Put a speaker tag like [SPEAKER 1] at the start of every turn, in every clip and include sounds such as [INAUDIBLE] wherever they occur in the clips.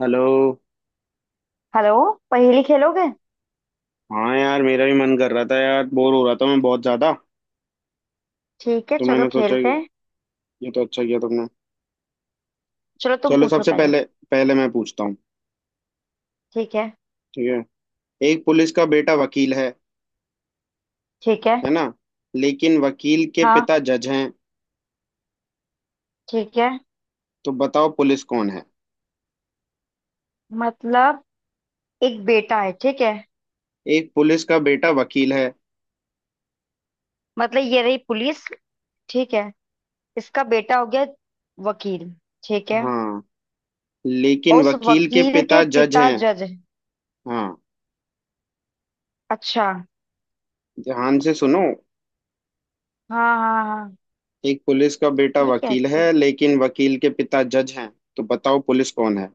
[SPEAKER 1] Hello.
[SPEAKER 2] Hello. पहेली खेलोगे?
[SPEAKER 1] हाँ यार, मेरा भी मन कर रहा था यार, बोर हो रहा था मैं बहुत ज्यादा।
[SPEAKER 2] ठीक है,
[SPEAKER 1] तो
[SPEAKER 2] चलो
[SPEAKER 1] मैंने सोचा
[SPEAKER 2] खेलते हैं।
[SPEAKER 1] ये। तो अच्छा किया तुमने।
[SPEAKER 2] चलो तुम
[SPEAKER 1] चलो
[SPEAKER 2] पूछो
[SPEAKER 1] सबसे
[SPEAKER 2] पहले।
[SPEAKER 1] पहले, पहले मैं पूछता हूँ।
[SPEAKER 2] ठीक है।
[SPEAKER 1] ठीक है। एक पुलिस का बेटा वकील है
[SPEAKER 2] ठीक है।
[SPEAKER 1] है ना? लेकिन वकील के
[SPEAKER 2] हाँ।
[SPEAKER 1] पिता जज हैं।
[SPEAKER 2] ठीक है।
[SPEAKER 1] तो बताओ पुलिस कौन है?
[SPEAKER 2] मतलब एक बेटा है, ठीक है।
[SPEAKER 1] एक पुलिस का बेटा वकील है।
[SPEAKER 2] मतलब ये रही पुलिस, ठीक है। इसका बेटा हो गया वकील, ठीक है।
[SPEAKER 1] हाँ।
[SPEAKER 2] और
[SPEAKER 1] लेकिन
[SPEAKER 2] उस
[SPEAKER 1] वकील के
[SPEAKER 2] वकील के
[SPEAKER 1] पिता जज
[SPEAKER 2] पिता
[SPEAKER 1] हैं।
[SPEAKER 2] जज है?
[SPEAKER 1] हाँ।
[SPEAKER 2] अच्छा।
[SPEAKER 1] ध्यान से सुनो।
[SPEAKER 2] हाँ हाँ हाँ।
[SPEAKER 1] एक पुलिस का बेटा
[SPEAKER 2] ये कैसी
[SPEAKER 1] वकील
[SPEAKER 2] है?
[SPEAKER 1] है लेकिन वकील के पिता जज हैं। तो बताओ पुलिस कौन है?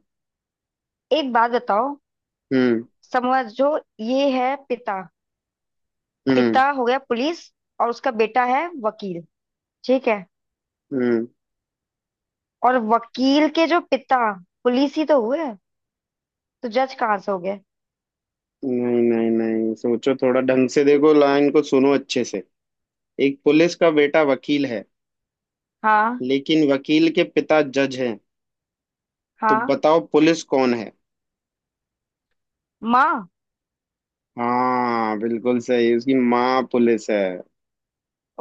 [SPEAKER 2] एक बात बताओ,
[SPEAKER 1] हम्म।
[SPEAKER 2] समझो। ये है पिता।
[SPEAKER 1] हम्म।
[SPEAKER 2] पिता हो गया पुलिस और उसका बेटा है वकील, ठीक है।
[SPEAKER 1] हम्म।
[SPEAKER 2] और वकील के जो पिता, पुलिस ही तो हुए, तो जज कहाँ से हो गए?
[SPEAKER 1] नहीं, नहीं, नहीं, सोचो थोड़ा ढंग से, देखो लाइन को सुनो अच्छे से। एक पुलिस का बेटा वकील है
[SPEAKER 2] हाँ
[SPEAKER 1] लेकिन वकील के पिता जज हैं। तो
[SPEAKER 2] हाँ।
[SPEAKER 1] बताओ पुलिस कौन है?
[SPEAKER 2] माँ।
[SPEAKER 1] हाँ बिल्कुल सही, उसकी माँ पुलिस है।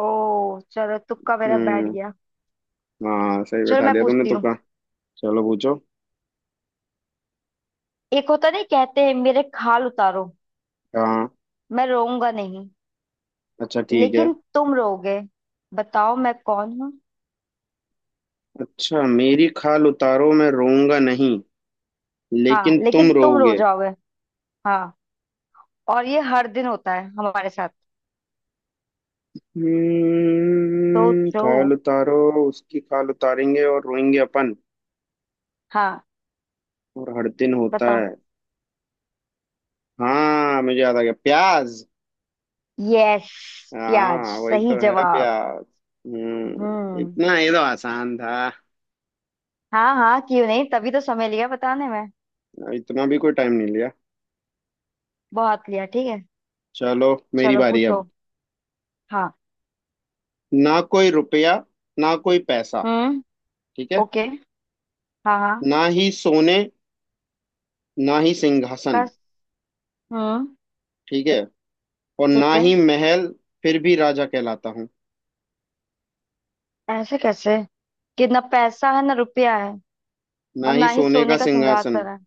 [SPEAKER 2] ओ, चलो तुक्का मेरा बैठ
[SPEAKER 1] हम्म।
[SPEAKER 2] गया।
[SPEAKER 1] हाँ सही
[SPEAKER 2] चलो
[SPEAKER 1] बैठा
[SPEAKER 2] मैं
[SPEAKER 1] दिया तुमने,
[SPEAKER 2] पूछती
[SPEAKER 1] तो
[SPEAKER 2] हूँ।
[SPEAKER 1] कहा। चलो पूछो।
[SPEAKER 2] एक होता नहीं, कहते हैं मेरे खाल उतारो,
[SPEAKER 1] हाँ।
[SPEAKER 2] मैं रोऊंगा नहीं,
[SPEAKER 1] अच्छा, ठीक है।
[SPEAKER 2] लेकिन तुम रोओगे। बताओ मैं कौन हूँ?
[SPEAKER 1] अच्छा, मेरी खाल उतारो मैं रोऊंगा नहीं,
[SPEAKER 2] हाँ,
[SPEAKER 1] लेकिन तुम
[SPEAKER 2] लेकिन तुम रो
[SPEAKER 1] रोओगे।
[SPEAKER 2] जाओगे। हाँ, और ये हर दिन होता है हमारे साथ।
[SPEAKER 1] हम्म,
[SPEAKER 2] सोचो।
[SPEAKER 1] खाल उतारो। उसकी खाल उतारेंगे और रोएंगे अपन।
[SPEAKER 2] हाँ,
[SPEAKER 1] और हर दिन होता
[SPEAKER 2] बताओ।
[SPEAKER 1] है। हाँ मुझे याद आ गया, प्याज।
[SPEAKER 2] यस, प्याज
[SPEAKER 1] हाँ वही
[SPEAKER 2] सही
[SPEAKER 1] तो है,
[SPEAKER 2] जवाब।
[SPEAKER 1] प्याज। हम्म,
[SPEAKER 2] हम्म।
[SPEAKER 1] इतना ये तो आसान था।
[SPEAKER 2] हाँ हाँ, क्यों नहीं? तभी तो समय लिया बताने में।
[SPEAKER 1] इतना भी कोई टाइम नहीं लिया।
[SPEAKER 2] बहुत लिया, ठीक है।
[SPEAKER 1] चलो मेरी
[SPEAKER 2] चलो
[SPEAKER 1] बारी
[SPEAKER 2] पूछो।
[SPEAKER 1] अब।
[SPEAKER 2] हाँ।
[SPEAKER 1] ना कोई रुपया, ना कोई पैसा।
[SPEAKER 2] हम्म।
[SPEAKER 1] ठीक है।
[SPEAKER 2] ओके। हाँ हाँ।
[SPEAKER 1] ना ही सोने, ना ही सिंहासन।
[SPEAKER 2] कस। हम्म।
[SPEAKER 1] ठीक है। और ना
[SPEAKER 2] ठीक है।
[SPEAKER 1] ही महल, फिर भी राजा कहलाता हूँ।
[SPEAKER 2] ऐसे कैसे कि ना पैसा है ना रुपया है,
[SPEAKER 1] ना
[SPEAKER 2] और
[SPEAKER 1] ही
[SPEAKER 2] ना ही
[SPEAKER 1] सोने का
[SPEAKER 2] सोने का
[SPEAKER 1] सिंहासन,
[SPEAKER 2] सिंहासन है,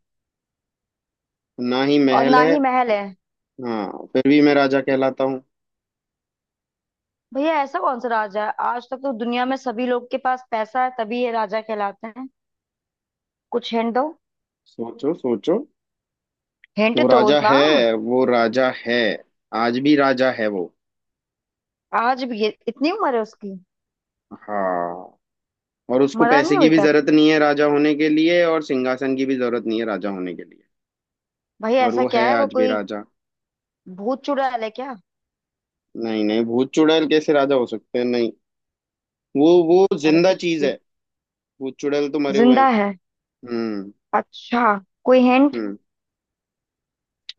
[SPEAKER 1] ना ही
[SPEAKER 2] और
[SPEAKER 1] महल
[SPEAKER 2] ना
[SPEAKER 1] है।
[SPEAKER 2] ही महल है?
[SPEAKER 1] हाँ फिर भी मैं राजा कहलाता हूँ।
[SPEAKER 2] भैया ऐसा कौन सा राजा है? आज तक तो दुनिया में सभी लोग के पास पैसा है तभी ये राजा कहलाते हैं। कुछ हिंट दो।
[SPEAKER 1] सोचो, सोचो।
[SPEAKER 2] हिंट
[SPEAKER 1] वो
[SPEAKER 2] दो
[SPEAKER 1] राजा
[SPEAKER 2] ना।
[SPEAKER 1] है, वो राजा है। आज भी राजा है वो।
[SPEAKER 2] आज भी ये, इतनी उम्र है उसकी?
[SPEAKER 1] हाँ। और उसको
[SPEAKER 2] मरा
[SPEAKER 1] पैसे
[SPEAKER 2] नहीं
[SPEAKER 1] की
[SPEAKER 2] अभी
[SPEAKER 1] भी
[SPEAKER 2] तक?
[SPEAKER 1] जरूरत नहीं है राजा होने के लिए, और सिंहासन की भी जरूरत नहीं है राजा होने के लिए।
[SPEAKER 2] भैया
[SPEAKER 1] और
[SPEAKER 2] ऐसा
[SPEAKER 1] वो
[SPEAKER 2] क्या
[SPEAKER 1] है
[SPEAKER 2] है? वो
[SPEAKER 1] आज भी
[SPEAKER 2] कोई
[SPEAKER 1] राजा।
[SPEAKER 2] भूत चुड़ैल है क्या?
[SPEAKER 1] नहीं, नहीं, भूत चुड़ैल कैसे राजा हो सकते हैं, नहीं। वो
[SPEAKER 2] अरे
[SPEAKER 1] जिंदा
[SPEAKER 2] कुछ
[SPEAKER 1] चीज
[SPEAKER 2] भी।
[SPEAKER 1] है। भूत चुड़ैल तो मरे हुए हैं।
[SPEAKER 2] जिंदा है?
[SPEAKER 1] हम्म।
[SPEAKER 2] अच्छा। कोई हिंट
[SPEAKER 1] हम्म।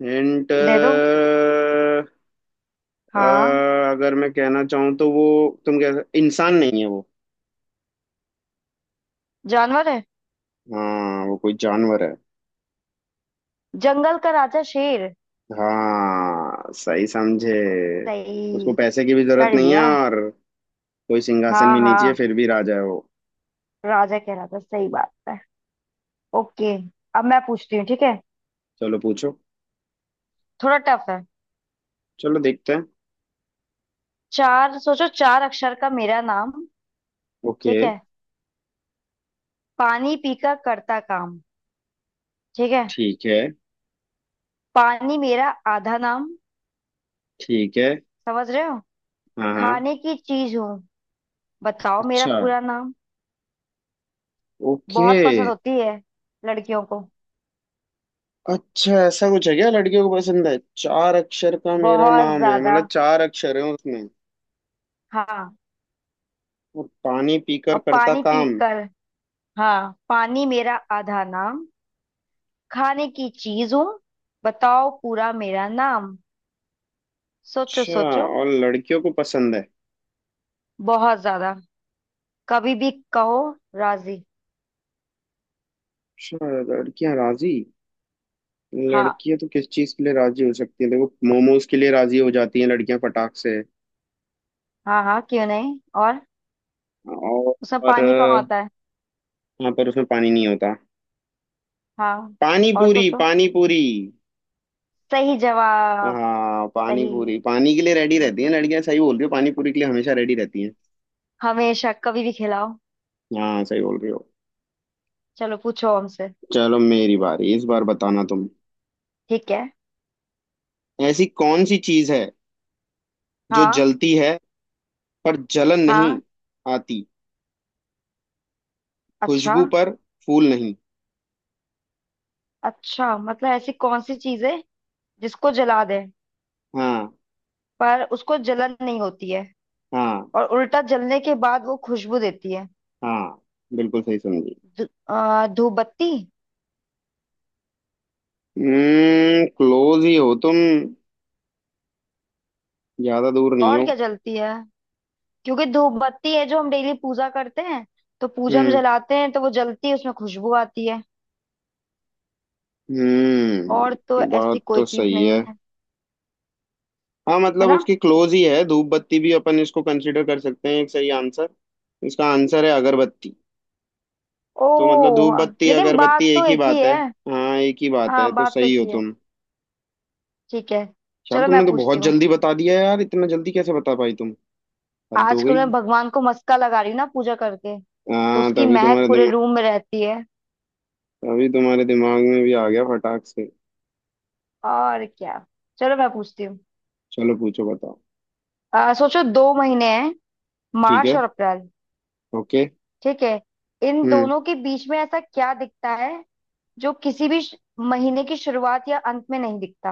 [SPEAKER 1] हिंट।
[SPEAKER 2] दे दो। हाँ।
[SPEAKER 1] अगर मैं कहना चाहूँ तो वो, तुम कह, इंसान नहीं है वो।
[SPEAKER 2] जानवर है?
[SPEAKER 1] हाँ वो कोई जानवर है।
[SPEAKER 2] जंगल का राजा शेर।
[SPEAKER 1] हाँ सही समझे। उसको
[SPEAKER 2] सही।
[SPEAKER 1] पैसे की भी जरूरत
[SPEAKER 2] कर
[SPEAKER 1] नहीं है
[SPEAKER 2] लिया।
[SPEAKER 1] और कोई सिंहासन
[SPEAKER 2] हाँ
[SPEAKER 1] भी नहीं चाहिए,
[SPEAKER 2] हाँ,
[SPEAKER 1] फिर भी राजा है वो।
[SPEAKER 2] राजा कह रहा था, सही बात है। ओके, अब मैं पूछती हूँ, ठीक है।
[SPEAKER 1] चलो पूछो।
[SPEAKER 2] थोड़ा टफ है।
[SPEAKER 1] चलो देखते हैं।
[SPEAKER 2] चार, सोचो, चार अक्षर का मेरा नाम।
[SPEAKER 1] ओके।
[SPEAKER 2] ठीक है। पानी पीकर करता काम। ठीक है।
[SPEAKER 1] ठीक है।
[SPEAKER 2] पानी मेरा आधा नाम।
[SPEAKER 1] ठीक है।
[SPEAKER 2] समझ रहे हो?
[SPEAKER 1] हाँ, हाँ।
[SPEAKER 2] खाने की चीज हूँ, बताओ मेरा
[SPEAKER 1] अच्छा।
[SPEAKER 2] पूरा नाम।
[SPEAKER 1] ओके।
[SPEAKER 2] बहुत पसंद होती है लड़कियों को।
[SPEAKER 1] अच्छा, ऐसा कुछ है क्या लड़कियों को पसंद है? चार अक्षर का मेरा
[SPEAKER 2] बहुत
[SPEAKER 1] नाम है,
[SPEAKER 2] ज्यादा।
[SPEAKER 1] मतलब चार अक्षर है उसमें।
[SPEAKER 2] हाँ।
[SPEAKER 1] और पानी पीकर
[SPEAKER 2] और
[SPEAKER 1] करता
[SPEAKER 2] पानी
[SPEAKER 1] काम।
[SPEAKER 2] पीकर, हाँ, पानी मेरा आधा नाम, खाने की चीज हूँ, बताओ पूरा मेरा नाम। सोचो
[SPEAKER 1] अच्छा।
[SPEAKER 2] सोचो।
[SPEAKER 1] और लड़कियों को पसंद है।
[SPEAKER 2] बहुत ज्यादा। कभी भी कहो राजी।
[SPEAKER 1] अच्छा, लड़कियां राजी।
[SPEAKER 2] हाँ
[SPEAKER 1] लड़कियां तो किस चीज के लिए राजी हो सकती हैं? देखो, मोमोज के लिए राजी हो जाती हैं लड़कियां फटाक से।
[SPEAKER 2] हाँ, हाँ क्यों नहीं। और
[SPEAKER 1] और,
[SPEAKER 2] उसमें
[SPEAKER 1] और
[SPEAKER 2] पानी कहाँ होता है?
[SPEAKER 1] हाँ, पर उसमें पानी नहीं होता।
[SPEAKER 2] हाँ।
[SPEAKER 1] पानी
[SPEAKER 2] और
[SPEAKER 1] पूरी,
[SPEAKER 2] सोचो।
[SPEAKER 1] पानी पूरी।
[SPEAKER 2] सही जवाब।
[SPEAKER 1] हाँ, पानी
[SPEAKER 2] सही।
[SPEAKER 1] पूरी पानी के लिए रेडी रहती हैं लड़कियां, सही बोल रही हो, पानी पूरी के लिए हमेशा रेडी रहती हैं।
[SPEAKER 2] हमेशा, कभी भी खिलाओ।
[SPEAKER 1] हाँ सही बोल रही हो।
[SPEAKER 2] चलो पूछो हमसे।
[SPEAKER 1] चलो मेरी बारी, इस बार बताना तुम।
[SPEAKER 2] ठीक है।
[SPEAKER 1] ऐसी कौन सी चीज है जो
[SPEAKER 2] हाँ।
[SPEAKER 1] जलती है पर जलन नहीं
[SPEAKER 2] हाँ।
[SPEAKER 1] आती,
[SPEAKER 2] अच्छा।
[SPEAKER 1] खुशबू पर फूल नहीं?
[SPEAKER 2] अच्छा, मतलब ऐसी कौन सी चीज है जिसको जला दे,
[SPEAKER 1] हाँ।
[SPEAKER 2] पर उसको जलन नहीं होती है,
[SPEAKER 1] हाँ।
[SPEAKER 2] और उल्टा जलने के बाद वो खुशबू देती है।
[SPEAKER 1] हाँ बिल्कुल सही समझी।
[SPEAKER 2] धूपबत्ती।
[SPEAKER 1] हम्म, क्लोज ही हो तुम, ज्यादा दूर नहीं
[SPEAKER 2] और
[SPEAKER 1] हो।
[SPEAKER 2] क्या जलती है? क्योंकि धूपबत्ती है जो हम डेली पूजा करते हैं, तो पूजा में
[SPEAKER 1] हम्म।
[SPEAKER 2] जलाते हैं तो वो जलती है, उसमें खुशबू आती है। और तो
[SPEAKER 1] हम्म,
[SPEAKER 2] ऐसी
[SPEAKER 1] बात
[SPEAKER 2] कोई
[SPEAKER 1] तो
[SPEAKER 2] चीज
[SPEAKER 1] सही
[SPEAKER 2] नहीं
[SPEAKER 1] है।
[SPEAKER 2] है।
[SPEAKER 1] हाँ
[SPEAKER 2] है
[SPEAKER 1] मतलब
[SPEAKER 2] ना?
[SPEAKER 1] उसकी क्लोज ही है, धूप बत्ती भी अपन इसको कंसीडर कर सकते हैं एक सही आंसर। इसका आंसर है अगरबत्ती। तो मतलब
[SPEAKER 2] ओ,
[SPEAKER 1] धूप बत्ती
[SPEAKER 2] लेकिन
[SPEAKER 1] अगरबत्ती
[SPEAKER 2] बात
[SPEAKER 1] एक
[SPEAKER 2] तो
[SPEAKER 1] ही
[SPEAKER 2] एक ही
[SPEAKER 1] बात है।
[SPEAKER 2] है।
[SPEAKER 1] हाँ एक ही बात है,
[SPEAKER 2] हाँ,
[SPEAKER 1] तो
[SPEAKER 2] बात तो
[SPEAKER 1] सही
[SPEAKER 2] एक
[SPEAKER 1] हो
[SPEAKER 2] ही है।
[SPEAKER 1] तुम।
[SPEAKER 2] ठीक है,
[SPEAKER 1] यार
[SPEAKER 2] चलो मैं
[SPEAKER 1] तुमने तो
[SPEAKER 2] पूछती
[SPEAKER 1] बहुत
[SPEAKER 2] हूँ।
[SPEAKER 1] जल्दी बता दिया यार, इतना जल्दी कैसे बता पाई तुम? हद हो
[SPEAKER 2] आजकल
[SPEAKER 1] गई।
[SPEAKER 2] मैं भगवान को मस्का लगा रही हूँ ना पूजा करके, तो
[SPEAKER 1] हाँ,
[SPEAKER 2] उसकी महक पूरे रूम में रहती है।
[SPEAKER 1] तभी तुम्हारे दिमाग में भी आ गया फटाक से।
[SPEAKER 2] और क्या। चलो मैं पूछती हूँ।
[SPEAKER 1] चलो पूछो, बताओ।
[SPEAKER 2] सोचो, दो महीने हैं,
[SPEAKER 1] ठीक
[SPEAKER 2] मार्च
[SPEAKER 1] है।
[SPEAKER 2] और अप्रैल।
[SPEAKER 1] ओके।
[SPEAKER 2] ठीक है। इन
[SPEAKER 1] हम्म।
[SPEAKER 2] दोनों के बीच में ऐसा क्या दिखता है जो किसी भी महीने की शुरुआत या अंत में नहीं दिखता?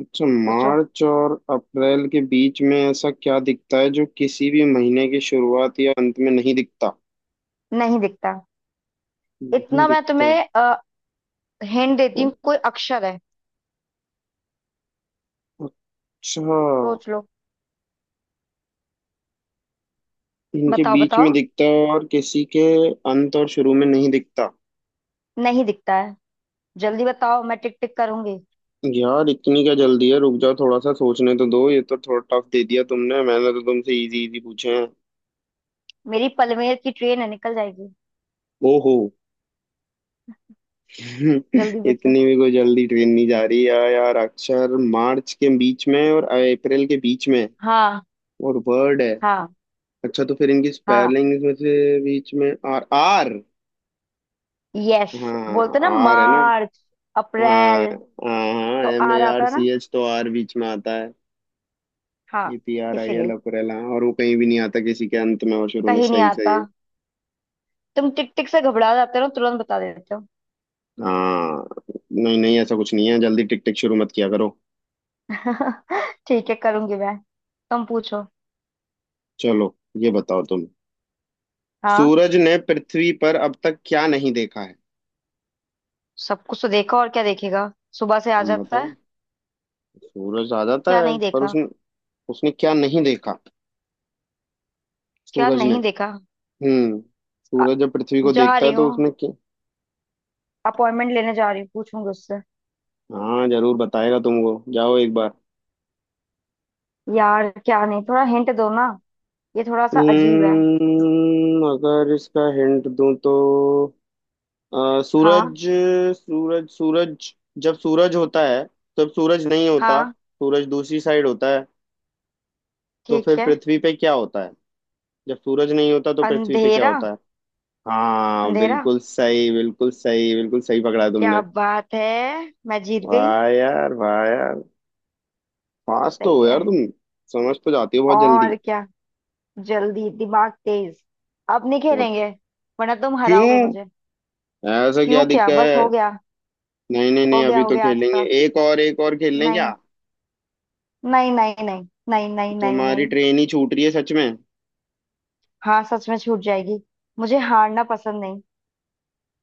[SPEAKER 1] अच्छा,
[SPEAKER 2] सोचो।
[SPEAKER 1] मार्च और अप्रैल के बीच में ऐसा क्या दिखता है जो किसी भी महीने की शुरुआत या अंत में नहीं दिखता?
[SPEAKER 2] नहीं दिखता।
[SPEAKER 1] नहीं
[SPEAKER 2] इतना मैं
[SPEAKER 1] दिखता।
[SPEAKER 2] तुम्हें हिंट
[SPEAKER 1] ओ,
[SPEAKER 2] देती हूँ, कोई अक्षर है।
[SPEAKER 1] अच्छा।
[SPEAKER 2] सोच लो।
[SPEAKER 1] इनके
[SPEAKER 2] बताओ
[SPEAKER 1] बीच में
[SPEAKER 2] बताओ।
[SPEAKER 1] दिखता है और किसी के अंत और शुरू में नहीं दिखता।
[SPEAKER 2] नहीं दिखता है। जल्दी बताओ, मैं टिक टिक करूंगी।
[SPEAKER 1] यार इतनी क्या जल्दी है, रुक जाओ, थोड़ा सा सोचने तो दो, ये तो थोड़ा टफ दे दिया तुमने, मैंने तो तुमसे इजी इजी पूछे हैं।
[SPEAKER 2] मेरी पलमेर की ट्रेन है, निकल जाएगी।
[SPEAKER 1] ओहो। [LAUGHS]
[SPEAKER 2] जल्दी बच्चों।
[SPEAKER 1] इतनी भी कोई जल्दी ट्रेन नहीं जा रही यार, यार अक्षर, मार्च के बीच में और अप्रैल के बीच में
[SPEAKER 2] हाँ।
[SPEAKER 1] और वर्ड है।
[SPEAKER 2] हाँ।
[SPEAKER 1] अच्छा, तो फिर इनकी
[SPEAKER 2] हाँ।
[SPEAKER 1] स्पेलिंग में से, बीच में आर, आर।
[SPEAKER 2] यस।
[SPEAKER 1] हाँ,
[SPEAKER 2] बोलते ना,
[SPEAKER 1] आर है ना।
[SPEAKER 2] मार्च,
[SPEAKER 1] हाँ,
[SPEAKER 2] अप्रैल।
[SPEAKER 1] हाँ,
[SPEAKER 2] तो
[SPEAKER 1] एम
[SPEAKER 2] आ
[SPEAKER 1] ए
[SPEAKER 2] रहा
[SPEAKER 1] आर
[SPEAKER 2] था ना।
[SPEAKER 1] सी एच तो आर बीच में आता है।
[SPEAKER 2] हाँ,
[SPEAKER 1] APRIL
[SPEAKER 2] इसीलिए
[SPEAKER 1] अकुरेला, और वो कहीं भी नहीं आता किसी के अंत में और शुरू में,
[SPEAKER 2] कहीं नहीं
[SPEAKER 1] सही, सही
[SPEAKER 2] आता।
[SPEAKER 1] है।
[SPEAKER 2] तुम टिक टिक से घबरा जाते हो, तुरंत बता देते हो।
[SPEAKER 1] हाँ। नहीं, नहीं, ऐसा कुछ नहीं है, जल्दी टिक टिक शुरू मत किया करो।
[SPEAKER 2] [LAUGHS] ठीक है, करूंगी मैं। तुम पूछो।
[SPEAKER 1] चलो, ये बताओ तुम।
[SPEAKER 2] हाँ।
[SPEAKER 1] सूरज ने पृथ्वी पर अब तक क्या नहीं देखा है?
[SPEAKER 2] सब कुछ तो देखा, और क्या देखेगा? सुबह से आ
[SPEAKER 1] तुम
[SPEAKER 2] जाता
[SPEAKER 1] बताओ।
[SPEAKER 2] है।
[SPEAKER 1] सूरज आ जाता
[SPEAKER 2] क्या
[SPEAKER 1] है,
[SPEAKER 2] नहीं
[SPEAKER 1] पर
[SPEAKER 2] देखा?
[SPEAKER 1] उसने उसने क्या नहीं देखा?
[SPEAKER 2] क्या
[SPEAKER 1] सूरज ने।
[SPEAKER 2] नहीं देखा?
[SPEAKER 1] हम्म।
[SPEAKER 2] आ,
[SPEAKER 1] सूरज जब पृथ्वी को
[SPEAKER 2] जा
[SPEAKER 1] देखता
[SPEAKER 2] रही
[SPEAKER 1] है तो
[SPEAKER 2] हूँ,
[SPEAKER 1] उसमें क्या?
[SPEAKER 2] अपॉइंटमेंट लेने जा रही हूँ, पूछूंगी उससे।
[SPEAKER 1] हाँ, जरूर बताएगा तुमको, जाओ एक बार।
[SPEAKER 2] यार क्या नहीं, थोड़ा हिंट दो ना, ये थोड़ा सा अजीब है।
[SPEAKER 1] हम्म, अगर इसका हिंट दूं तो
[SPEAKER 2] हाँ।
[SPEAKER 1] सूरज सूरज सूरज। जब सूरज होता है तब सूरज नहीं होता।
[SPEAKER 2] हाँ।
[SPEAKER 1] सूरज दूसरी साइड होता है। तो
[SPEAKER 2] ठीक
[SPEAKER 1] फिर
[SPEAKER 2] है।
[SPEAKER 1] पृथ्वी पे क्या होता है? जब सूरज नहीं होता तो पृथ्वी पे क्या
[SPEAKER 2] अंधेरा।
[SPEAKER 1] होता है? हाँ,
[SPEAKER 2] अंधेरा।
[SPEAKER 1] बिल्कुल सही, बिल्कुल सही, बिल्कुल सही पकड़ा
[SPEAKER 2] क्या
[SPEAKER 1] तुमने।
[SPEAKER 2] बात है, मैं जीत गई।
[SPEAKER 1] वाह यार, वाह यार, फास्ट तो
[SPEAKER 2] सही
[SPEAKER 1] हो यार
[SPEAKER 2] है।
[SPEAKER 1] तुम। समझ तो जाती हो बहुत जल्दी।
[SPEAKER 2] और क्या। जल्दी दिमाग तेज। अब नहीं
[SPEAKER 1] बहुत।
[SPEAKER 2] खेलेंगे, वरना तुम हराओगे
[SPEAKER 1] क्यों?
[SPEAKER 2] मुझे।
[SPEAKER 1] ऐसा क्या
[SPEAKER 2] क्यों, क्या
[SPEAKER 1] दिक्कत
[SPEAKER 2] बस हो
[SPEAKER 1] है?
[SPEAKER 2] गया?
[SPEAKER 1] नहीं, नहीं, नहीं,
[SPEAKER 2] हो गया
[SPEAKER 1] अभी
[SPEAKER 2] हो
[SPEAKER 1] तो
[SPEAKER 2] गया, आज
[SPEAKER 1] खेलेंगे,
[SPEAKER 2] का।
[SPEAKER 1] एक और, एक और खेल लें क्या?
[SPEAKER 2] नहीं। नहीं नहीं नहीं नहीं नहीं नहीं
[SPEAKER 1] तुम्हारी
[SPEAKER 2] नहीं।
[SPEAKER 1] ट्रेन ही छूट रही है सच में।
[SPEAKER 2] हाँ सच में छूट जाएगी। मुझे हारना पसंद नहीं।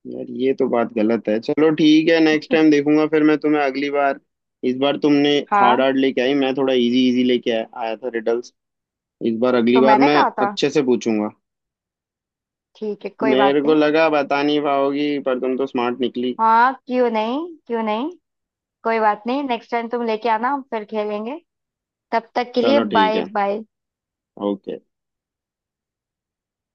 [SPEAKER 1] यार ये तो बात गलत है, चलो ठीक है, नेक्स्ट टाइम देखूंगा फिर मैं तुम्हें अगली बार। इस बार तुमने हार्ड
[SPEAKER 2] हाँ,
[SPEAKER 1] हार्ड लेके आई, मैं थोड़ा इजी इजी लेके आया आया था रिडल्स। इस बार, अगली
[SPEAKER 2] तो
[SPEAKER 1] बार
[SPEAKER 2] मैंने
[SPEAKER 1] मैं
[SPEAKER 2] कहा था।
[SPEAKER 1] अच्छे से पूछूंगा।
[SPEAKER 2] ठीक है, कोई बात
[SPEAKER 1] मेरे को
[SPEAKER 2] नहीं।
[SPEAKER 1] लगा बता नहीं पाओगी, पर तुम तो स्मार्ट निकली।
[SPEAKER 2] हाँ क्यों नहीं, क्यों नहीं। कोई बात नहीं, नेक्स्ट टाइम तुम लेके आना, हम फिर खेलेंगे। तब तक के लिए,
[SPEAKER 1] चलो ठीक
[SPEAKER 2] बाय
[SPEAKER 1] है,
[SPEAKER 2] बाय।
[SPEAKER 1] ओके।